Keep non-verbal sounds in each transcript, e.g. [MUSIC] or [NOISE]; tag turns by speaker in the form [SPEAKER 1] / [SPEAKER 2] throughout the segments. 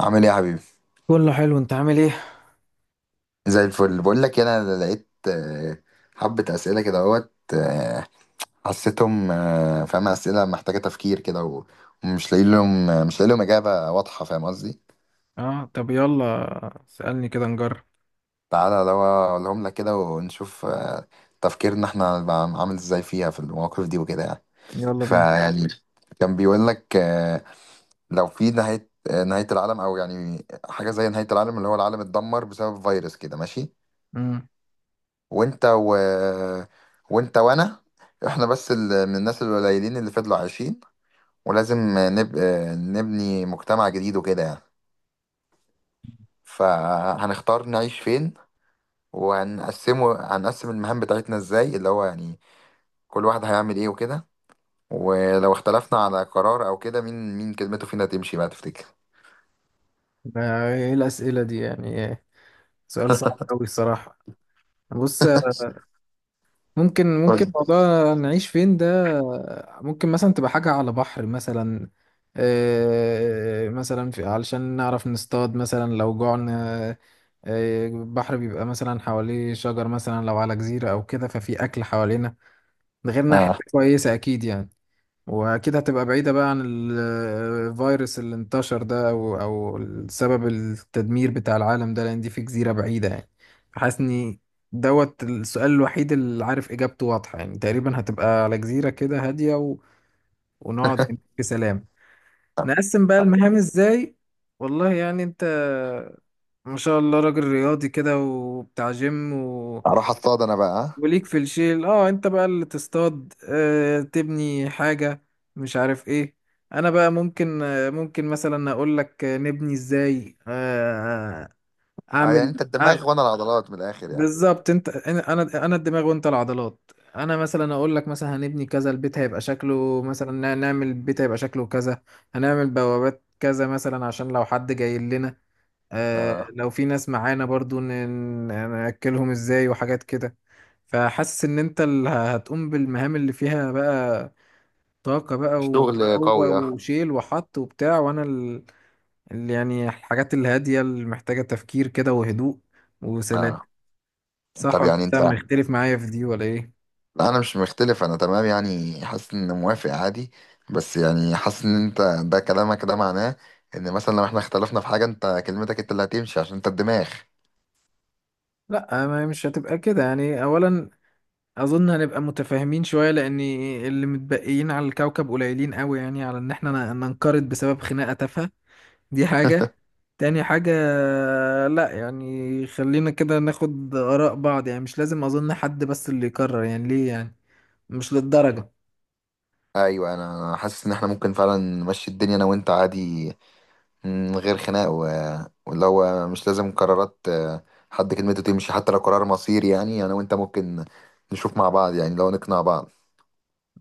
[SPEAKER 1] عامل ايه يا حبيبي؟
[SPEAKER 2] كله حلو، انت عامل ايه؟
[SPEAKER 1] زي الفل. بقول لك إيه، انا لقيت حبة اسئلة كده اهوت، حسيتهم، فاهم، اسئلة محتاجة تفكير كده ومش لاقي لهم، مش لاقي لهم اجابة واضحة، فاهم قصدي؟
[SPEAKER 2] اه، طب يلا سألني كده نجرب.
[SPEAKER 1] تعالى لو اقولهم لك كده ونشوف تفكيرنا احنا هنبقى عامل ازاي فيها، في المواقف دي وكده يعني.
[SPEAKER 2] يلا بينا.
[SPEAKER 1] فيعني كان بيقول لك، لو في نهاية، نهاية العالم او يعني حاجة زي نهاية العالم، اللي هو العالم اتدمر بسبب فيروس كده، ماشي.
[SPEAKER 2] امم
[SPEAKER 1] وانت و... وانت وانا، احنا بس من الناس القليلين اللي فضلوا عايشين، ولازم نبني مجتمع جديد وكده يعني. فهنختار نعيش فين، هنقسم المهام بتاعتنا ازاي، اللي هو يعني كل واحد هيعمل ايه وكده. ولو اختلفنا على قرار او كده، مين كلمته فينا تمشي بقى تفتكر؟
[SPEAKER 2] ده ايه الأسئلة دي يعني ايه؟ سؤال صعب قوي الصراحة. بص، ممكن
[SPEAKER 1] قول لي.
[SPEAKER 2] موضوع نعيش فين ده، ممكن مثلا تبقى حاجة على بحر مثلا. مثلا في علشان نعرف نصطاد مثلا لو جوعنا. البحر بيبقى مثلا حواليه شجر، مثلا لو على جزيرة أو كده ففي أكل حوالينا. ده غير إنها
[SPEAKER 1] اه،
[SPEAKER 2] حتة كويسة أكيد يعني. واكيد هتبقى بعيدة بقى عن الفيروس اللي انتشر ده، او او السبب التدمير بتاع العالم ده، لان دي في جزيرة بعيدة يعني. حاسس اني دوت السؤال الوحيد اللي عارف اجابته واضحة، يعني تقريبا هتبقى على جزيرة كده هادية ونقعد في سلام. نقسم بقى المهام ازاي؟ والله يعني انت ما شاء الله راجل رياضي كده وبتاع جيم،
[SPEAKER 1] اروح اصطاد انا بقى، ها؟
[SPEAKER 2] وليك في الشيل. اه، انت بقى اللي تصطاد، آه تبني حاجة، مش عارف ايه. انا بقى ممكن آه ممكن مثلا اقول لك نبني ازاي. آه
[SPEAKER 1] اه، يعني
[SPEAKER 2] اعمل
[SPEAKER 1] انت
[SPEAKER 2] أعمل-
[SPEAKER 1] الدماغ وانا العضلات من الاخر يعني.
[SPEAKER 2] بالظبط، انت انا أنا الدماغ وانت العضلات. انا مثلا اقول لك مثلا هنبني كذا، البيت هيبقى شكله مثلا، نعمل البيت هيبقى شكله كذا، هنعمل بوابات كذا مثلا عشان لو حد جاي لنا.
[SPEAKER 1] اه،
[SPEAKER 2] لو في ناس معانا برضو نأكلهم ازاي وحاجات كده. فحاسس ان انت اللي هتقوم بالمهام اللي فيها بقى طاقة بقى،
[SPEAKER 1] الشغل
[SPEAKER 2] وقوة
[SPEAKER 1] قوي، اه.
[SPEAKER 2] وشيل وحط وبتاع، وانا اللي يعني الحاجات الهادية اللي محتاجة تفكير كده وهدوء وسلام.
[SPEAKER 1] اه،
[SPEAKER 2] صح
[SPEAKER 1] طب
[SPEAKER 2] ولا
[SPEAKER 1] يعني
[SPEAKER 2] انت
[SPEAKER 1] انت.
[SPEAKER 2] مختلف معايا في دي ولا ايه؟
[SPEAKER 1] لا، انا مش مختلف، انا تمام يعني، حاسس ان موافق عادي. بس يعني حاسس ان انت ده كلامك ده معناه ان مثلا لو احنا اختلفنا في حاجة، انت كلمتك انت اللي هتمشي عشان انت الدماغ.
[SPEAKER 2] لا ما مش هتبقى كده يعني. اولا اظن هنبقى متفاهمين شوية، لان اللي متبقيين على الكوكب قليلين قوي يعني، على ان احنا ننقرض بسبب خناقة تافهة. دي حاجة.
[SPEAKER 1] [LAUGHS]
[SPEAKER 2] تاني حاجة، لا يعني خلينا كده ناخد آراء بعض يعني، مش لازم أظن حد بس اللي يقرر، يعني ليه يعني، مش للدرجة.
[SPEAKER 1] ايوه، أنا حاسس ان احنا ممكن فعلا نمشي الدنيا انا وانت عادي، من غير خناق. واللي هو مش لازم قرارات، حد كلمته تمشي حتى لو قرار مصيري يعني. انا وانت ممكن نشوف مع بعض يعني، لو نقنع بعض.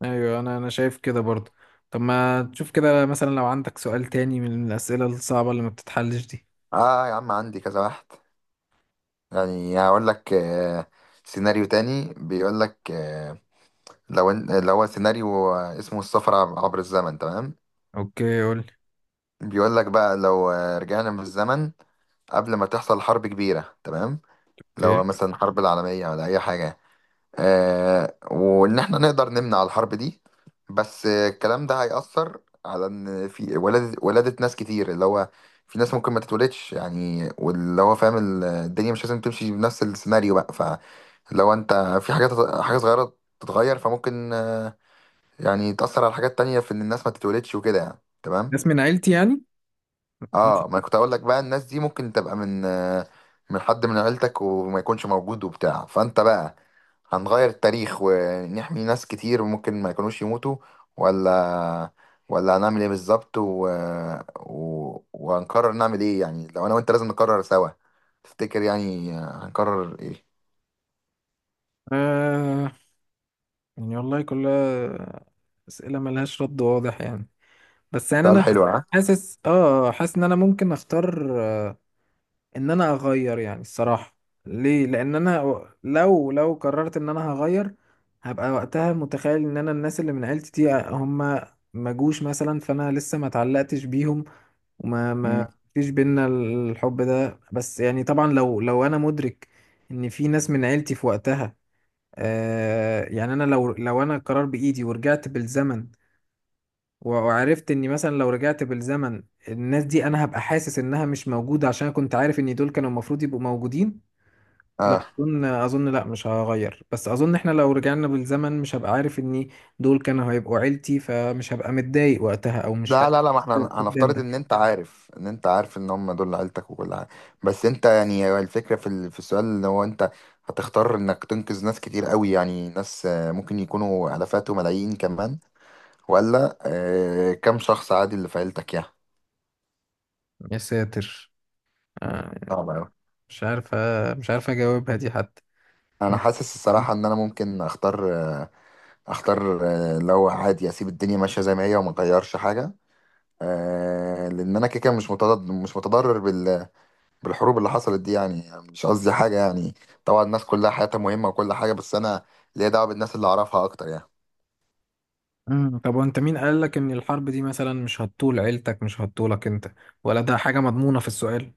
[SPEAKER 2] أيوة، أنا شايف كده برضه. طب ما تشوف كده مثلا لو عندك سؤال تاني من الأسئلة الصعبة اللي ما بتتحلش دي.
[SPEAKER 1] اه يا عم، عندي كذا واحد يعني. هقول لك، سيناريو تاني بيقول لك، اللي هو سيناريو اسمه السفر عبر الزمن، تمام؟
[SPEAKER 2] اوكي قول لي.
[SPEAKER 1] بيقول لك بقى لو رجعنا بالزمن قبل ما تحصل حرب كبيرة، تمام. لو
[SPEAKER 2] اوكي،
[SPEAKER 1] مثلا حرب العالمية ولا أي حاجة، آه، وإن إحنا نقدر نمنع الحرب دي. بس الكلام ده هيأثر على إن في ولادة ناس كتير، اللي هو في ناس ممكن ما تتولدش يعني، واللي هو فاهم الدنيا مش لازم تمشي بنفس السيناريو بقى. فلو أنت في حاجات، حاجة صغيرة تتغير فممكن يعني تأثر على حاجات تانية في إن الناس ما تتولدش وكده يعني، تمام؟
[SPEAKER 2] ناس من عيلتي يعني. ماشي.
[SPEAKER 1] اه، ما كنت أقول لك بقى، الناس دي ممكن تبقى من، من حد من عيلتك وما يكونش موجود وبتاع. فأنت بقى، هنغير التاريخ ونحمي ناس كتير ممكن ما يكونوش يموتوا، ولا ولا هنعمل ايه بالظبط وهنقرر نعمل ايه يعني؟ لو انا وانت لازم نقرر سوا، تفتكر يعني هنقرر ايه؟
[SPEAKER 2] آه، يعني والله كلها أسئلة ملهاش رد واضح يعني. بس يعني
[SPEAKER 1] سؤال
[SPEAKER 2] أنا
[SPEAKER 1] حلو، ها؟
[SPEAKER 2] حاسس، آه حاسس إن أنا ممكن أختار ان انا اغير يعني الصراحة. ليه؟ لان انا لو قررت ان انا هغير، هبقى وقتها متخيل ان انا الناس اللي من عيلتي دي هم ما جوش مثلا، فانا لسه ما اتعلقتش بيهم، وما ما
[SPEAKER 1] مم.
[SPEAKER 2] فيش بينا الحب ده. بس يعني طبعا لو انا مدرك ان في ناس من عيلتي في وقتها، آه يعني انا لو انا قرار بايدي ورجعت بالزمن، وعرفت اني مثلا لو رجعت بالزمن الناس دي، انا هبقى حاسس انها مش موجودة، عشان أنا كنت عارف ان دول كانوا المفروض يبقوا موجودين.
[SPEAKER 1] اه،
[SPEAKER 2] لا اظن، اظن لا مش هغير. بس اظن احنا لو رجعنا بالزمن مش هبقى عارف ان دول كانوا هيبقوا عيلتي، فمش هبقى متضايق وقتها او مش ه-
[SPEAKER 1] لا لا لا، ما احنا
[SPEAKER 2] فقدان
[SPEAKER 1] هنفترض
[SPEAKER 2] ده.
[SPEAKER 1] ان انت عارف، ان انت عارف ان هم دول عيلتك وكل حاجه. بس انت يعني، هو الفكره في في السؤال اللي هو انت هتختار انك تنقذ ناس كتير قوي يعني، ناس ممكن يكونوا الافات وملايين كمان، ولا كم شخص عادي اللي في عيلتك يعني.
[SPEAKER 2] يا ساتر، آه،
[SPEAKER 1] صعب أوي.
[SPEAKER 2] مش عارف، مش عارف اجاوبها دي حتى.
[SPEAKER 1] انا
[SPEAKER 2] [LAUGHS]
[SPEAKER 1] حاسس الصراحه ان انا ممكن اختار، لو عادي اسيب الدنيا ماشيه زي ما هي وما اغيرش حاجه، لان انا كده كده مش متضرر، بالحروب اللي حصلت دي يعني. يعني مش قصدي حاجة يعني، طبعا الناس كلها حياتها مهمة وكل حاجة، بس أنا ليا دعوة بالناس اللي أعرفها أكتر يعني.
[SPEAKER 2] مم. طب وانت مين قال لك ان الحرب دي مثلا مش هتطول عيلتك، مش هتطولك انت، ولا ده حاجة مضمونة في السؤال؟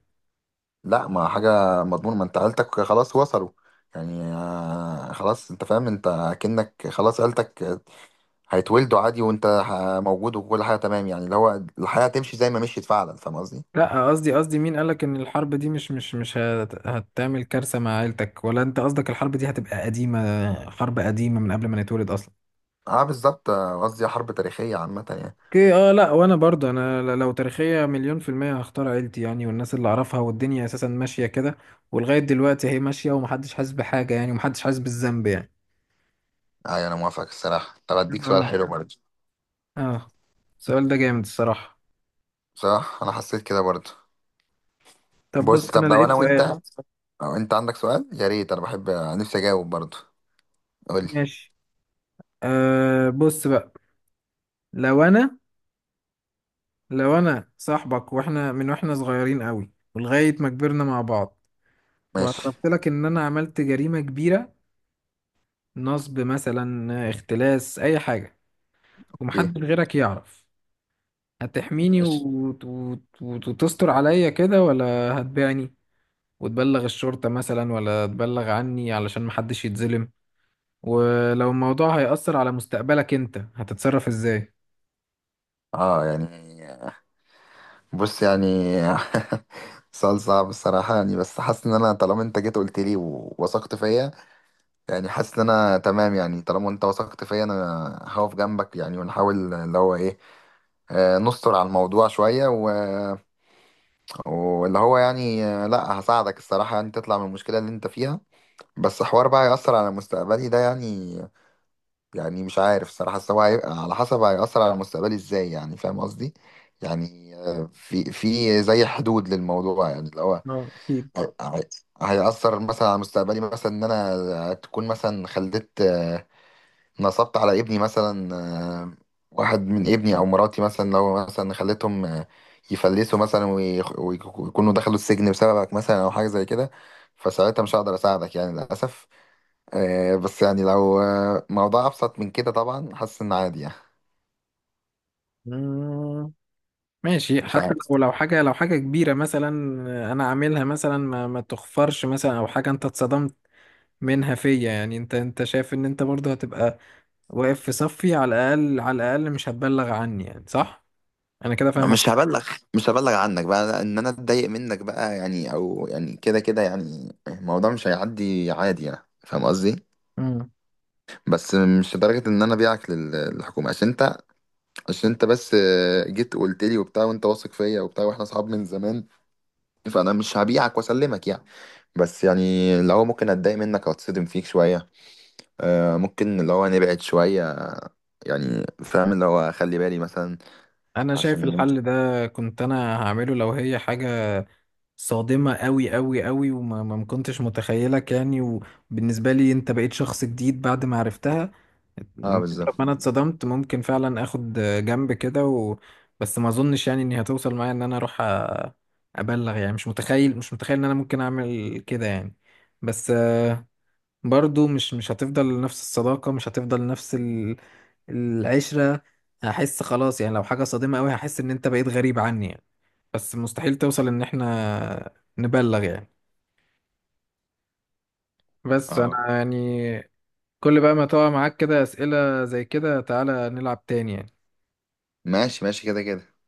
[SPEAKER 1] لا، ما حاجة مضمون، ما أنت عيلتك خلاص وصلوا يعني، خلاص أنت فاهم، أنت أكنك خلاص عيلتك هيتولدوا عادي وأنت موجود وكل حاجة تمام يعني، اللي هو الحياة تمشي زي ما مشيت فعلا، فاهم قصدي؟
[SPEAKER 2] لا قصدي، قصدي مين قالك ان الحرب دي مش هتعمل كارثة مع عيلتك، ولا انت قصدك الحرب دي هتبقى قديمة، حرب قديمة من قبل ما نتولد اصلا؟
[SPEAKER 1] أه، بالظبط، قصدي حرب تاريخية عامة يعني.
[SPEAKER 2] اوكي، اه، لا وانا برضه انا لو تاريخية 100% هختار عيلتي يعني، والناس اللي اعرفها، والدنيا اساسا ماشية كده، ولغاية دلوقتي هي ماشية ومحدش حاسس بحاجة يعني، ومحدش حاسس بالذنب يعني.
[SPEAKER 1] أيوة، أنا موافق الصراحة. طب أديك سؤال
[SPEAKER 2] اه.
[SPEAKER 1] حلو برضه.
[SPEAKER 2] اه. السؤال ده جامد الصراحة.
[SPEAKER 1] صح، أنا حسيت كده برضه.
[SPEAKER 2] طب
[SPEAKER 1] بص،
[SPEAKER 2] بص انا
[SPEAKER 1] طب لو
[SPEAKER 2] لقيت
[SPEAKER 1] انا وانت،
[SPEAKER 2] سؤال.
[SPEAKER 1] لو انت عندك سؤال يا ريت، انا بحب نفسي اجاوب برضه. قول لي.
[SPEAKER 2] ماشي. آه بص بقى، لو انا لو انا صاحبك، واحنا واحنا صغيرين قوي ولغاية ما كبرنا مع بعض،
[SPEAKER 1] ماشي،
[SPEAKER 2] واعترفت لك ان انا عملت جريمة كبيرة، نصب مثلا، اختلاس، اي حاجة،
[SPEAKER 1] ايه،
[SPEAKER 2] ومحدش غيرك يعرف. هتحميني
[SPEAKER 1] ماشي.
[SPEAKER 2] وتستر عليا كده، ولا هتبيعني وتبلغ الشرطة مثلا، ولا تبلغ عني علشان محدش يتظلم؟ ولو الموضوع هيأثر على مستقبلك انت هتتصرف ازاي؟
[SPEAKER 1] اه يعني، بص يعني، [LAUGHS] سؤال صعب الصراحة يعني. بس حاسس ان انا طالما انت جيت قلت لي ووثقت فيا يعني، حاسس ان انا تمام يعني، طالما انت وثقت فيا، انا هقف جنبك يعني ونحاول اللي هو ايه، نستر على الموضوع شوية. واللي هو يعني، لا، هساعدك الصراحة يعني تطلع من المشكلة اللي انت فيها. بس حوار بقى هيأثر على مستقبلي ده يعني، يعني مش عارف الصراحة، بس هو هيبقى على حسب هيأثر على مستقبلي ازاي يعني، فاهم قصدي؟ يعني في زي حدود للموضوع يعني، اللي هو
[SPEAKER 2] اه اكيد.
[SPEAKER 1] هي- هي- هيأثر مثلا على مستقبلي، مثلا ان انا تكون مثلا خلفت، نصبت على ابني مثلا، آه، واحد من ابني او مراتي مثلا، لو مثلا خليتهم يفلسوا مثلا ويكونوا دخلوا السجن بسببك مثلا، او حاجه زي كده، فساعتها مش هقدر اساعدك يعني للاسف. بس يعني لو موضوع ابسط من كده، طبعا حاسس ان عادي يعني.
[SPEAKER 2] مم. ماشي،
[SPEAKER 1] مش
[SPEAKER 2] حتى
[SPEAKER 1] عارف.
[SPEAKER 2] لو لو حاجة كبيرة مثلا أنا عاملها مثلا، ما تخفرش مثلا، أو حاجة أنت اتصدمت منها فيا يعني، أنت شايف إن أنت برضه هتبقى واقف في صفي، على الأقل على الأقل مش هتبلغ عني يعني صح؟ أنا كده فاهمك.
[SPEAKER 1] مش هبلغ، عنك بقى، ان انا اتضايق منك بقى يعني، او يعني كده كده يعني الموضوع مش هيعدي عادي يعني، فاهم قصدي؟
[SPEAKER 2] مم.
[SPEAKER 1] بس مش لدرجة ان انا بيعك للحكومة، عشان انت بس جيت قلت لي وبتاع وانت واثق فيا وبتاع، واحنا اصحاب من زمان، فانا مش هبيعك واسلمك يعني. بس يعني لو هو ممكن اتضايق منك او اتصدم فيك شويه، ممكن اللي هو نبعد شويه يعني، فاهم اللي هو خلي بالي مثلا
[SPEAKER 2] أنا شايف
[SPEAKER 1] عشان.
[SPEAKER 2] الحل ده كنت أنا هعمله لو هي حاجة صادمة قوي قوي قوي، وما ما ما كنتش متخيلك يعني، وبالنسبة لي انت بقيت شخص جديد بعد ما عرفتها.
[SPEAKER 1] اه
[SPEAKER 2] طب
[SPEAKER 1] بالظبط.
[SPEAKER 2] انا اتصدمت ممكن فعلا اخد جنب كده بس ما اظنش يعني اني هتوصل معايا ان انا اروح ابلغ يعني. مش متخيل ان انا ممكن اعمل كده يعني. بس آه، برضو مش هتفضل نفس الصداقة، مش هتفضل نفس العشرة. هحس خلاص يعني، لو حاجة صادمة قوي هحس ان انت بقيت غريب عني يعني. بس مستحيل توصل ان احنا نبلغ يعني. بس
[SPEAKER 1] اه،
[SPEAKER 2] انا يعني، كل بقى ما تقع معاك كده اسئلة زي كده تعالى نلعب تاني يعني.
[SPEAKER 1] ماشي ماشي كده كده.